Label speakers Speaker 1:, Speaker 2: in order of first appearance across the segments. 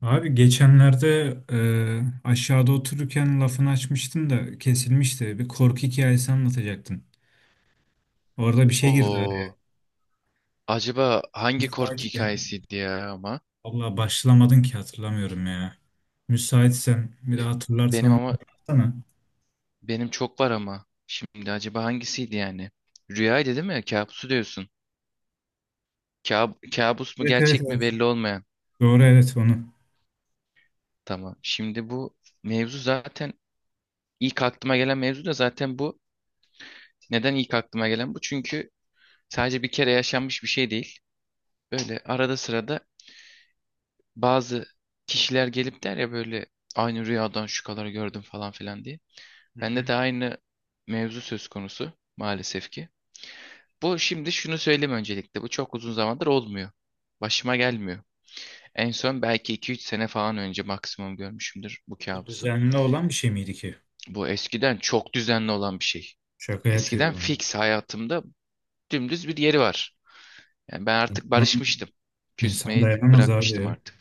Speaker 1: Abi geçenlerde aşağıda otururken lafını açmıştın da kesilmişti. Bir korku hikayesi anlatacaktın. Orada bir şey girdi araya.
Speaker 2: O acaba hangi korku
Speaker 1: Müsaitken.
Speaker 2: hikayesiydi ya ama?
Speaker 1: Valla başlamadın ki hatırlamıyorum ya. Müsaitsen bir daha hatırlarsan
Speaker 2: Benim
Speaker 1: onu
Speaker 2: ama
Speaker 1: anlatsana.
Speaker 2: benim çok var ama. Şimdi acaba hangisiydi yani? Rüyaydı değil mi? Kabusu diyorsun. Kabus mu
Speaker 1: Evet, evet,
Speaker 2: gerçek mi
Speaker 1: evet.
Speaker 2: belli olmayan.
Speaker 1: Doğru, evet, onu.
Speaker 2: Tamam. Şimdi bu mevzu zaten ilk aklıma gelen mevzu da zaten bu. Neden ilk aklıma gelen bu? Çünkü sadece bir kere yaşanmış bir şey değil. Böyle arada sırada bazı kişiler gelip der ya böyle aynı rüyadan şu kadar gördüm falan filan diye.
Speaker 1: Hı hı.
Speaker 2: Bende de aynı mevzu söz konusu maalesef ki. Bu şimdi şunu söyleyeyim öncelikle. Bu çok uzun zamandır olmuyor. Başıma gelmiyor. En son belki 2-3 sene falan önce maksimum görmüşümdür bu
Speaker 1: Bu
Speaker 2: kabusu.
Speaker 1: düzenli olan bir şey miydi ki?
Speaker 2: Bu eskiden çok düzenli olan bir şey.
Speaker 1: Şaka
Speaker 2: Eskiden
Speaker 1: yapıyor.
Speaker 2: fix hayatımda dümdüz bir yeri var. Yani ben artık
Speaker 1: İnsan,
Speaker 2: barışmıştım.
Speaker 1: insan
Speaker 2: Küsmeyi
Speaker 1: dayanamaz
Speaker 2: bırakmıştım
Speaker 1: abi.
Speaker 2: artık.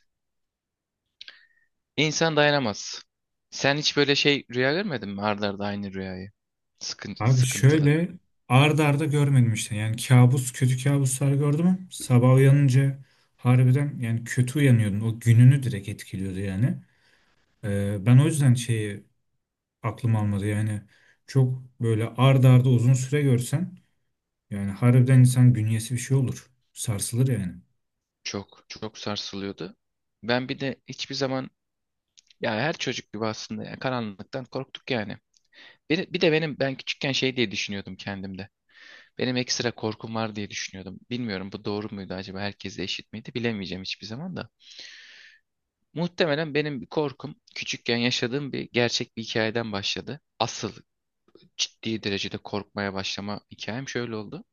Speaker 2: İnsan dayanamaz. Sen hiç böyle şey rüya görmedin mi? Arda arda aynı rüyayı. Sıkın-
Speaker 1: Abi
Speaker 2: sıkıntılı.
Speaker 1: şöyle ard arda görmedim işte. Yani kabus, kötü kabuslar gördüm, ama sabah uyanınca harbiden yani kötü uyanıyordum. O gününü direkt etkiliyordu yani. Ben o yüzden şeyi aklım almadı yani. Çok böyle ard arda uzun süre görsen yani harbiden insan bünyesi bir şey olur. Sarsılır yani.
Speaker 2: Çok çok sarsılıyordu. Ben bir de hiçbir zaman ya her çocuk gibi aslında ya, karanlıktan korktuk yani. Bir de ben küçükken şey diye düşünüyordum kendimde. Benim ekstra korkum var diye düşünüyordum. Bilmiyorum bu doğru muydu acaba herkesle eşit miydi bilemeyeceğim hiçbir zaman da. Muhtemelen benim bir korkum küçükken yaşadığım bir gerçek bir hikayeden başladı. Asıl ciddi derecede korkmaya başlama hikayem şöyle oldu.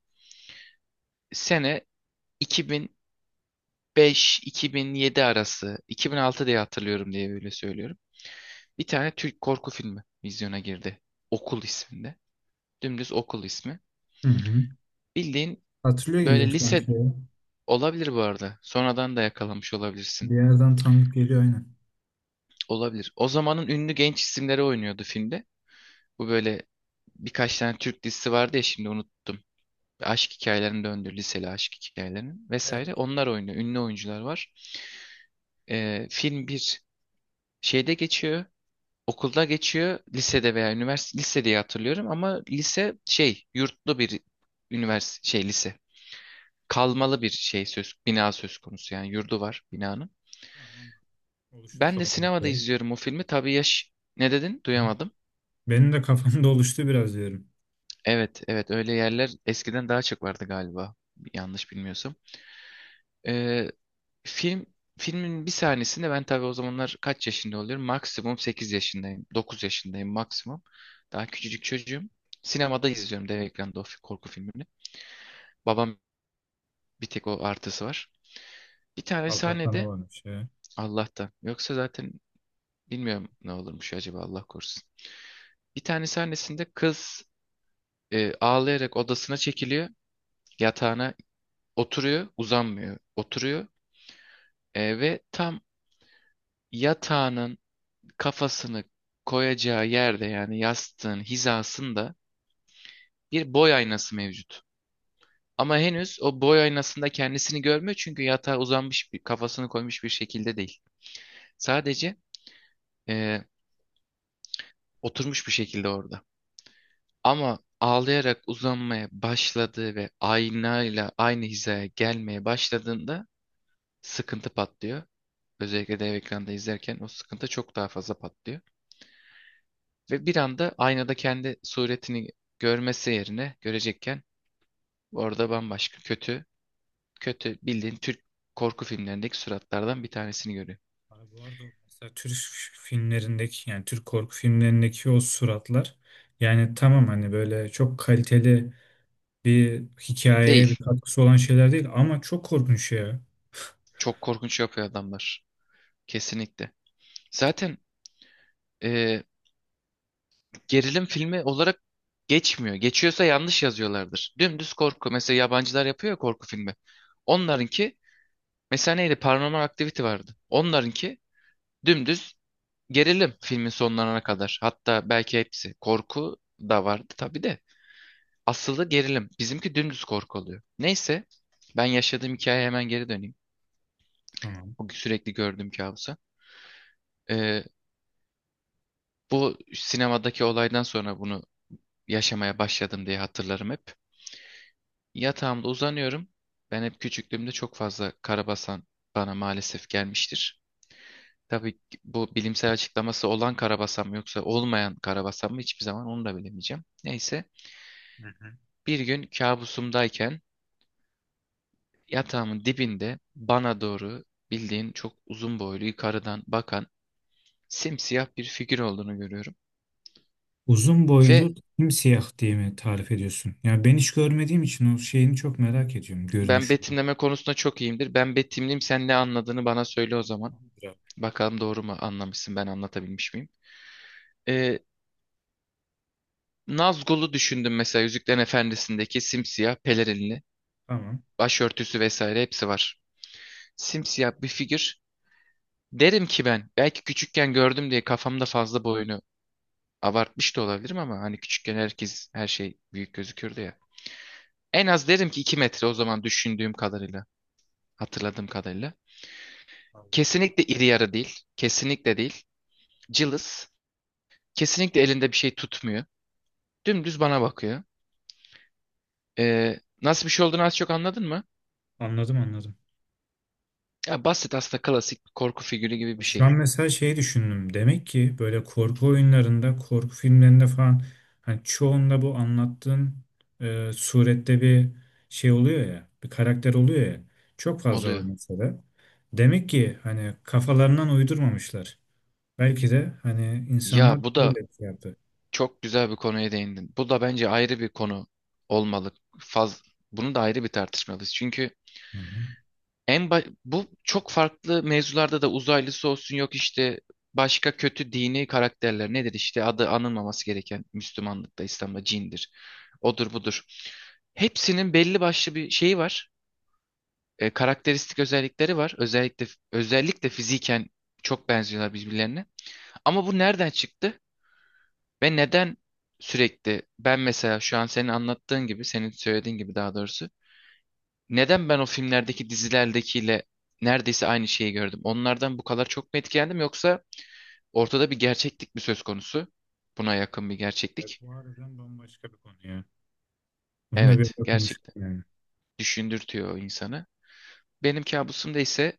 Speaker 2: Sene 2005-2007 arası 2006 diye hatırlıyorum diye böyle söylüyorum. Bir tane Türk korku filmi vizyona girdi. Okul isminde. Dümdüz Okul ismi.
Speaker 1: Hı hı.
Speaker 2: Bildiğin
Speaker 1: Hatırlıyor gibiyim
Speaker 2: böyle
Speaker 1: sanki
Speaker 2: lise
Speaker 1: ya.
Speaker 2: olabilir bu arada. Sonradan da yakalamış olabilirsin.
Speaker 1: Bir yerden tanıdık geliyor aynen.
Speaker 2: Olabilir. O zamanın ünlü genç isimleri oynuyordu filmde. Bu böyle birkaç tane Türk dizisi vardı ya şimdi unuttum. Aşk hikayelerinin döndü. Liseli aşk hikayelerinin
Speaker 1: Evet,
Speaker 2: vesaire. Onlar oynuyor. Ünlü oyuncular var. Film bir şeyde geçiyor. Okulda geçiyor lisede veya üniversite lise diye hatırlıyorum ama lise şey yurtlu bir üniversite şey lise kalmalı bir şey söz bina söz konusu yani yurdu var binanın.
Speaker 1: tamam. Oluştu
Speaker 2: Ben de
Speaker 1: kafamda,
Speaker 2: sinemada
Speaker 1: şey.
Speaker 2: izliyorum o filmi tabii yaş ne dedin duyamadım.
Speaker 1: Benim de kafamda oluştu biraz diyorum.
Speaker 2: Evet evet öyle yerler eskiden daha çok vardı galiba yanlış bilmiyorsam. Ee, film filmin bir sahnesinde ben tabii o zamanlar kaç yaşında oluyorum maksimum 8 yaşındayım 9 yaşındayım maksimum daha küçücük çocuğum. Sinemada izliyorum dev ekranda o korku filmini. Babam bir tek o artısı var. Bir tane
Speaker 1: Allah'tan
Speaker 2: sahnede
Speaker 1: olan bir şey.
Speaker 2: Allah'tan. Yoksa zaten bilmiyorum ne olurmuş acaba Allah korusun. Bir tane sahnesinde kız ağlayarak odasına çekiliyor. Yatağına oturuyor, uzanmıyor. Oturuyor. Ve tam yatağının kafasını koyacağı yerde yani yastığın hizasında bir boy aynası mevcut. Ama henüz o boy aynasında kendisini görmüyor çünkü yatağa uzanmış bir kafasını koymuş bir şekilde değil. Sadece e, oturmuş bir şekilde orada. Ama ağlayarak uzanmaya başladığı ve aynayla aynı hizaya gelmeye başladığında sıkıntı patlıyor. Özellikle dev ekranda izlerken o sıkıntı çok daha fazla patlıyor. Ve bir anda aynada kendi suretini görmesi yerine görecekken orada bambaşka kötü, kötü bildiğin Türk korku filmlerindeki suratlardan bir tanesini görüyor.
Speaker 1: Abi bu arada o mesela Türk filmlerindeki, yani Türk korku filmlerindeki o suratlar, yani tamam, hani böyle çok kaliteli bir hikayeye bir
Speaker 2: Değil.
Speaker 1: katkısı olan şeyler değil, ama çok korkunç ya.
Speaker 2: Çok korkunç yapıyor adamlar. Kesinlikle. Zaten e, gerilim filmi olarak geçmiyor. Geçiyorsa yanlış yazıyorlardır. Dümdüz korku. Mesela yabancılar yapıyor ya korku filmi. Onlarınki mesela neydi? Paranormal Activity vardı. Onlarınki dümdüz gerilim filmin sonlarına kadar. Hatta belki hepsi. Korku da vardı tabii de. Asılı gerilim. Bizimki dümdüz korku oluyor. Neyse ben yaşadığım hikayeye hemen geri döneyim.
Speaker 1: Tamam.
Speaker 2: O sürekli gördüğüm kabusa. Ee, Bu sinemadaki olaydan sonra bunu yaşamaya başladım diye hatırlarım hep. Yatağımda uzanıyorum. Ben hep küçüklüğümde çok fazla karabasan bana maalesef gelmiştir. Tabii ki bu bilimsel açıklaması olan karabasan mı yoksa olmayan karabasan mı hiçbir zaman onu da bilemeyeceğim. Neyse
Speaker 1: Hı hı.
Speaker 2: bir gün kabusumdayken yatağımın dibinde bana doğru bildiğin çok uzun boylu yukarıdan bakan simsiyah bir figür olduğunu görüyorum.
Speaker 1: Uzun
Speaker 2: Ve
Speaker 1: boylu simsiyah diye mi tarif ediyorsun? Yani ben hiç görmediğim için o şeyini çok merak ediyorum,
Speaker 2: ben
Speaker 1: görünüşünü.
Speaker 2: betimleme konusunda çok iyiyimdir. Ben betimleyeyim sen ne anladığını bana söyle o zaman.
Speaker 1: Biraz.
Speaker 2: Bakalım doğru mu anlamışsın ben anlatabilmiş miyim? Ee, Nazgul'u düşündüm mesela Yüzüklerin Efendisi'ndeki simsiyah pelerinli
Speaker 1: Tamam.
Speaker 2: başörtüsü vesaire hepsi var. Simsiyah bir figür. Derim ki ben belki küçükken gördüm diye kafamda fazla boyunu abartmış da olabilirim ama hani küçükken herkes her şey büyük gözükürdü ya. En az derim ki 2 metre o zaman düşündüğüm kadarıyla, hatırladığım kadarıyla.
Speaker 1: Allah Allah.
Speaker 2: Kesinlikle iri yarı değil, kesinlikle değil. Cılız, kesinlikle elinde bir şey tutmuyor. Dümdüz bana bakıyor. Nasıl bir şey olduğunu az çok anladın mı?
Speaker 1: Anladım, anladım.
Speaker 2: Ya basit aslında klasik bir korku figürü gibi bir
Speaker 1: Şu
Speaker 2: şey
Speaker 1: an mesela şeyi düşündüm. Demek ki böyle korku oyunlarında, korku filmlerinde falan hani çoğunda bu anlattığın surette bir şey oluyor ya, bir karakter oluyor ya. Çok fazla var
Speaker 2: oluyor.
Speaker 1: mesela. Demek ki hani kafalarından uydurmamışlar. Belki de hani insanlar
Speaker 2: Ya bu da
Speaker 1: böyle bir şey yaptı.
Speaker 2: çok güzel bir konuya değindin. Bu da bence ayrı bir konu olmalı. Faz, Bunu da ayrı bir tartışmalıyız. Çünkü
Speaker 1: Hı hı.
Speaker 2: bu çok farklı mevzularda da uzaylısı olsun yok işte başka kötü dini karakterler nedir işte adı anılmaması gereken Müslümanlıkta İslam'da cindir. Odur budur. Hepsinin belli başlı bir şeyi var. Karakteristik özellikleri var. Özellikle fiziken çok benziyorlar birbirlerine. Ama bu nereden çıktı ve neden sürekli ben mesela şu an senin anlattığın gibi, senin söylediğin gibi daha doğrusu neden ben o filmlerdeki dizilerdekiyle neredeyse aynı şeyi gördüm? Onlardan bu kadar çok mu etkilendim yoksa ortada bir gerçeklik mi söz konusu? Buna yakın bir
Speaker 1: Evet,
Speaker 2: gerçeklik.
Speaker 1: bu harbiden bambaşka bir konu ya. Bunu da bir
Speaker 2: Evet,
Speaker 1: konuştuk
Speaker 2: gerçekten
Speaker 1: yani.
Speaker 2: düşündürtüyor o insanı. Benim kabusumda ise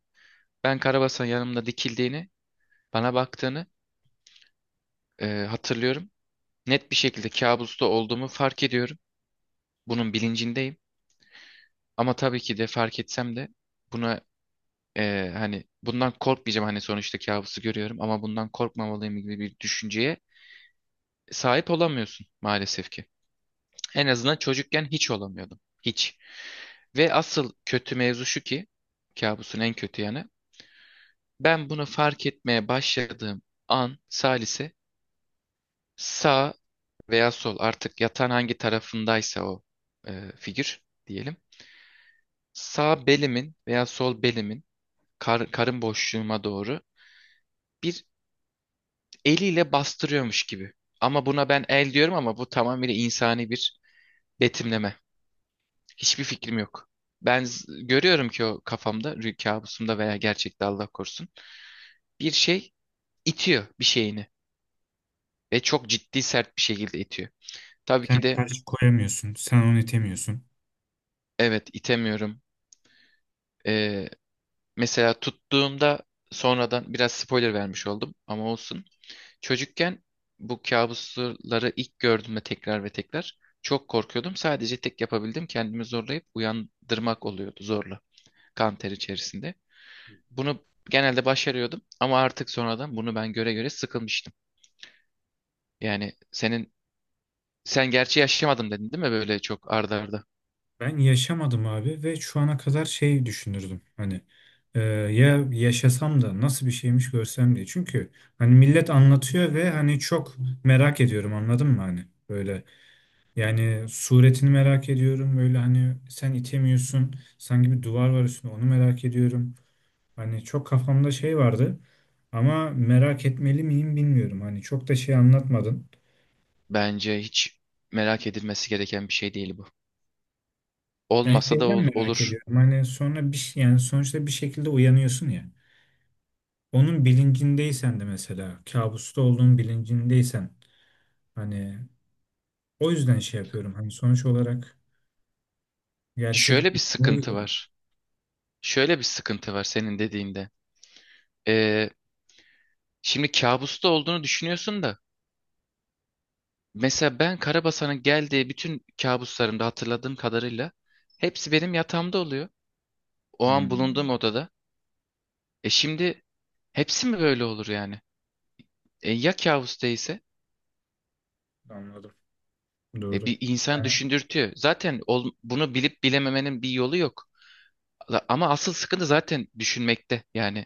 Speaker 2: ben Karabasan yanımda dikildiğini, bana baktığını hatırlıyorum. Net bir şekilde kabusta olduğumu fark ediyorum. Bunun bilincindeyim. Ama tabii ki de fark etsem de buna hani bundan korkmayacağım. Hani sonuçta kabusu görüyorum ama bundan korkmamalıyım gibi bir düşünceye sahip olamıyorsun maalesef ki. En azından çocukken hiç olamıyordum. Hiç. Ve asıl kötü mevzu şu ki kabusun en kötü yanı. Ben bunu fark etmeye başladığım an Salise sağ veya sol artık yatan hangi tarafındaysa o figür diyelim sağ belimin veya sol belimin karın boşluğuma doğru bir eliyle bastırıyormuş gibi. Ama buna ben el diyorum ama bu tamamıyla insani bir betimleme. Hiçbir fikrim yok. Ben görüyorum ki o kafamda, rüya kabusumda veya gerçekte Allah korusun bir şey itiyor bir şeyini ve çok ciddi sert bir şekilde itiyor. Tabii ki
Speaker 1: Sen
Speaker 2: de
Speaker 1: karşı koyamıyorsun, sen onu itemiyorsun.
Speaker 2: evet itemiyorum. Ee, Mesela tuttuğumda sonradan biraz spoiler vermiş oldum ama olsun. Çocukken bu kabusları ilk gördüğümde tekrar ve tekrar çok korkuyordum. Sadece tek yapabildim kendimi zorlayıp uyandırmak oluyordu zorla kan ter içerisinde. Bunu genelde başarıyordum ama artık sonradan bunu ben göre göre sıkılmıştım. Yani sen gerçi yaşamadım dedin değil mi böyle çok arda arda?
Speaker 1: Ben yaşamadım abi ve şu ana kadar şey düşünürdüm, hani ya yaşasam da nasıl bir şeymiş, görsem diye. Çünkü hani millet anlatıyor ve hani çok merak ediyorum, anladın mı, hani böyle, yani suretini merak ediyorum, böyle hani sen itemiyorsun, sanki bir duvar var üstünde, onu merak ediyorum. Hani çok kafamda şey vardı ama merak etmeli miyim bilmiyorum, hani çok da şey anlatmadın.
Speaker 2: Bence hiç merak edilmesi gereken bir şey değil bu.
Speaker 1: Yani
Speaker 2: Olmasa da
Speaker 1: şeyden
Speaker 2: ol-
Speaker 1: merak
Speaker 2: olur.
Speaker 1: ediyorum, hani sonra bir şey, yani sonuçta bir şekilde uyanıyorsun ya. Onun bilincindeysen de, mesela kabusta olduğun bilincindeysen, hani o yüzden şey yapıyorum. Hani sonuç olarak gerçek.
Speaker 2: Şöyle bir sıkıntı var. Şöyle bir sıkıntı var senin dediğinde. Ee, Şimdi kabusta olduğunu düşünüyorsun da mesela ben Karabasan'ın geldiği bütün kabuslarımda hatırladığım kadarıyla hepsi benim yatağımda oluyor. O an bulunduğum
Speaker 1: Hmm,
Speaker 2: odada. Şimdi hepsi mi böyle olur yani? Ya kabus değilse?
Speaker 1: anladım. Doğru.
Speaker 2: Bir insan
Speaker 1: Yani
Speaker 2: düşündürtüyor. Zaten bunu bilip bilememenin bir yolu yok. Ama asıl sıkıntı zaten düşünmekte. Yani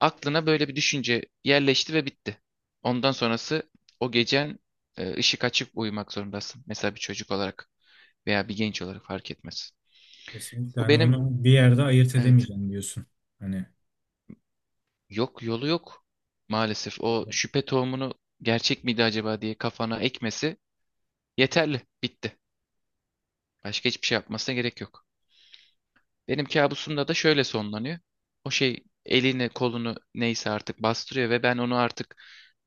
Speaker 2: aklına böyle bir düşünce yerleşti ve bitti. Ondan sonrası o gecen ışık açıp uyumak zorundasın. Mesela bir çocuk olarak veya bir genç olarak fark etmez.
Speaker 1: kesinlikle
Speaker 2: Bu
Speaker 1: hani
Speaker 2: benim
Speaker 1: onu bir yerde ayırt
Speaker 2: evet.
Speaker 1: edemeyeceğim diyorsun. Hani
Speaker 2: Yok yolu yok maalesef. O
Speaker 1: doğru.
Speaker 2: şüphe tohumunu gerçek miydi acaba diye kafana ekmesi yeterli. Bitti. Başka hiçbir şey yapmasına gerek yok. Benim kabusumda da şöyle sonlanıyor. O şey elini kolunu neyse artık bastırıyor ve ben onu artık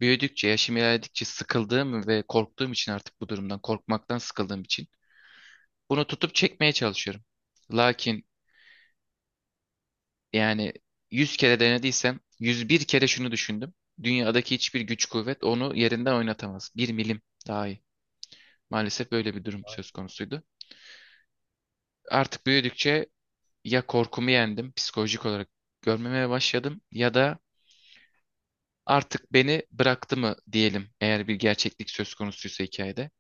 Speaker 2: büyüdükçe, yaşım ilerledikçe sıkıldığım ve korktuğum için artık bu durumdan, korkmaktan sıkıldığım için bunu tutup çekmeye çalışıyorum. Lakin. Yani 100 kere denediysem 101 kere şunu düşündüm. Dünyadaki hiçbir güç kuvvet onu yerinden oynatamaz. Bir milim dahi. Maalesef böyle bir durum söz konusuydu. Artık büyüdükçe ya korkumu yendim, psikolojik olarak görmemeye başladım ya da artık beni bıraktı mı diyelim eğer bir gerçeklik söz konusuysa hikayede.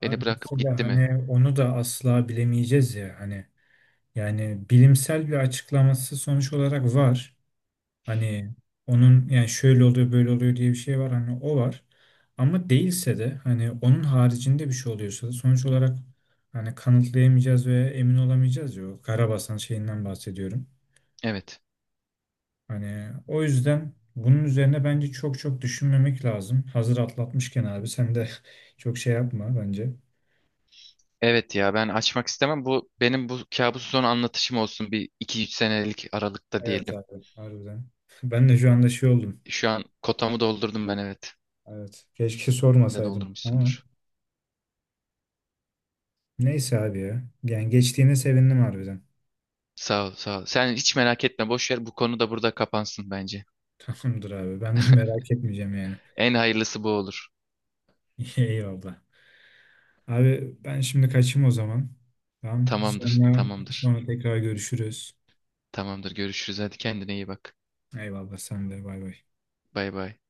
Speaker 1: Abi
Speaker 2: Beni bırakıp
Speaker 1: mesela
Speaker 2: gitti mi?
Speaker 1: hani onu da asla bilemeyeceğiz ya, hani yani bilimsel bir açıklaması sonuç olarak var. Hani onun yani şöyle oluyor, böyle oluyor diye bir şey var, hani o var. Ama değilse de, hani onun haricinde bir şey oluyorsa da sonuç olarak hani kanıtlayamayacağız ve emin olamayacağız ya, o Karabasan şeyinden bahsediyorum.
Speaker 2: Evet.
Speaker 1: Hani o yüzden bunun üzerine bence çok çok düşünmemek lazım. Hazır atlatmışken abi sen de çok şey yapma bence.
Speaker 2: Evet ya ben açmak istemem. Bu benim bu kabus son anlatışım olsun bir iki üç senelik aralıkta
Speaker 1: Evet
Speaker 2: diyelim.
Speaker 1: abi, harbiden. Ben de şu anda şey oldum.
Speaker 2: Şu an kotamı doldurdum ben evet.
Speaker 1: Evet. Keşke
Speaker 2: De
Speaker 1: sormasaydım ama
Speaker 2: doldurmuşsundur.
Speaker 1: neyse abi ya. Yani geçtiğine sevindim harbiden.
Speaker 2: Sağ ol, sağ ol. Sen hiç merak etme, boş ver. Bu konu da burada kapansın bence.
Speaker 1: Tamamdır abi. Ben de merak etmeyeceğim yani.
Speaker 2: En hayırlısı bu olur.
Speaker 1: Eyvallah. Abi ben şimdi kaçayım o zaman. Tamam.
Speaker 2: Tamamdır,
Speaker 1: Sonra
Speaker 2: tamamdır.
Speaker 1: sonra tekrar görüşürüz.
Speaker 2: Tamamdır. Görüşürüz. Hadi kendine iyi bak.
Speaker 1: Eyvallah, sen de, bay bay.
Speaker 2: Bay bay.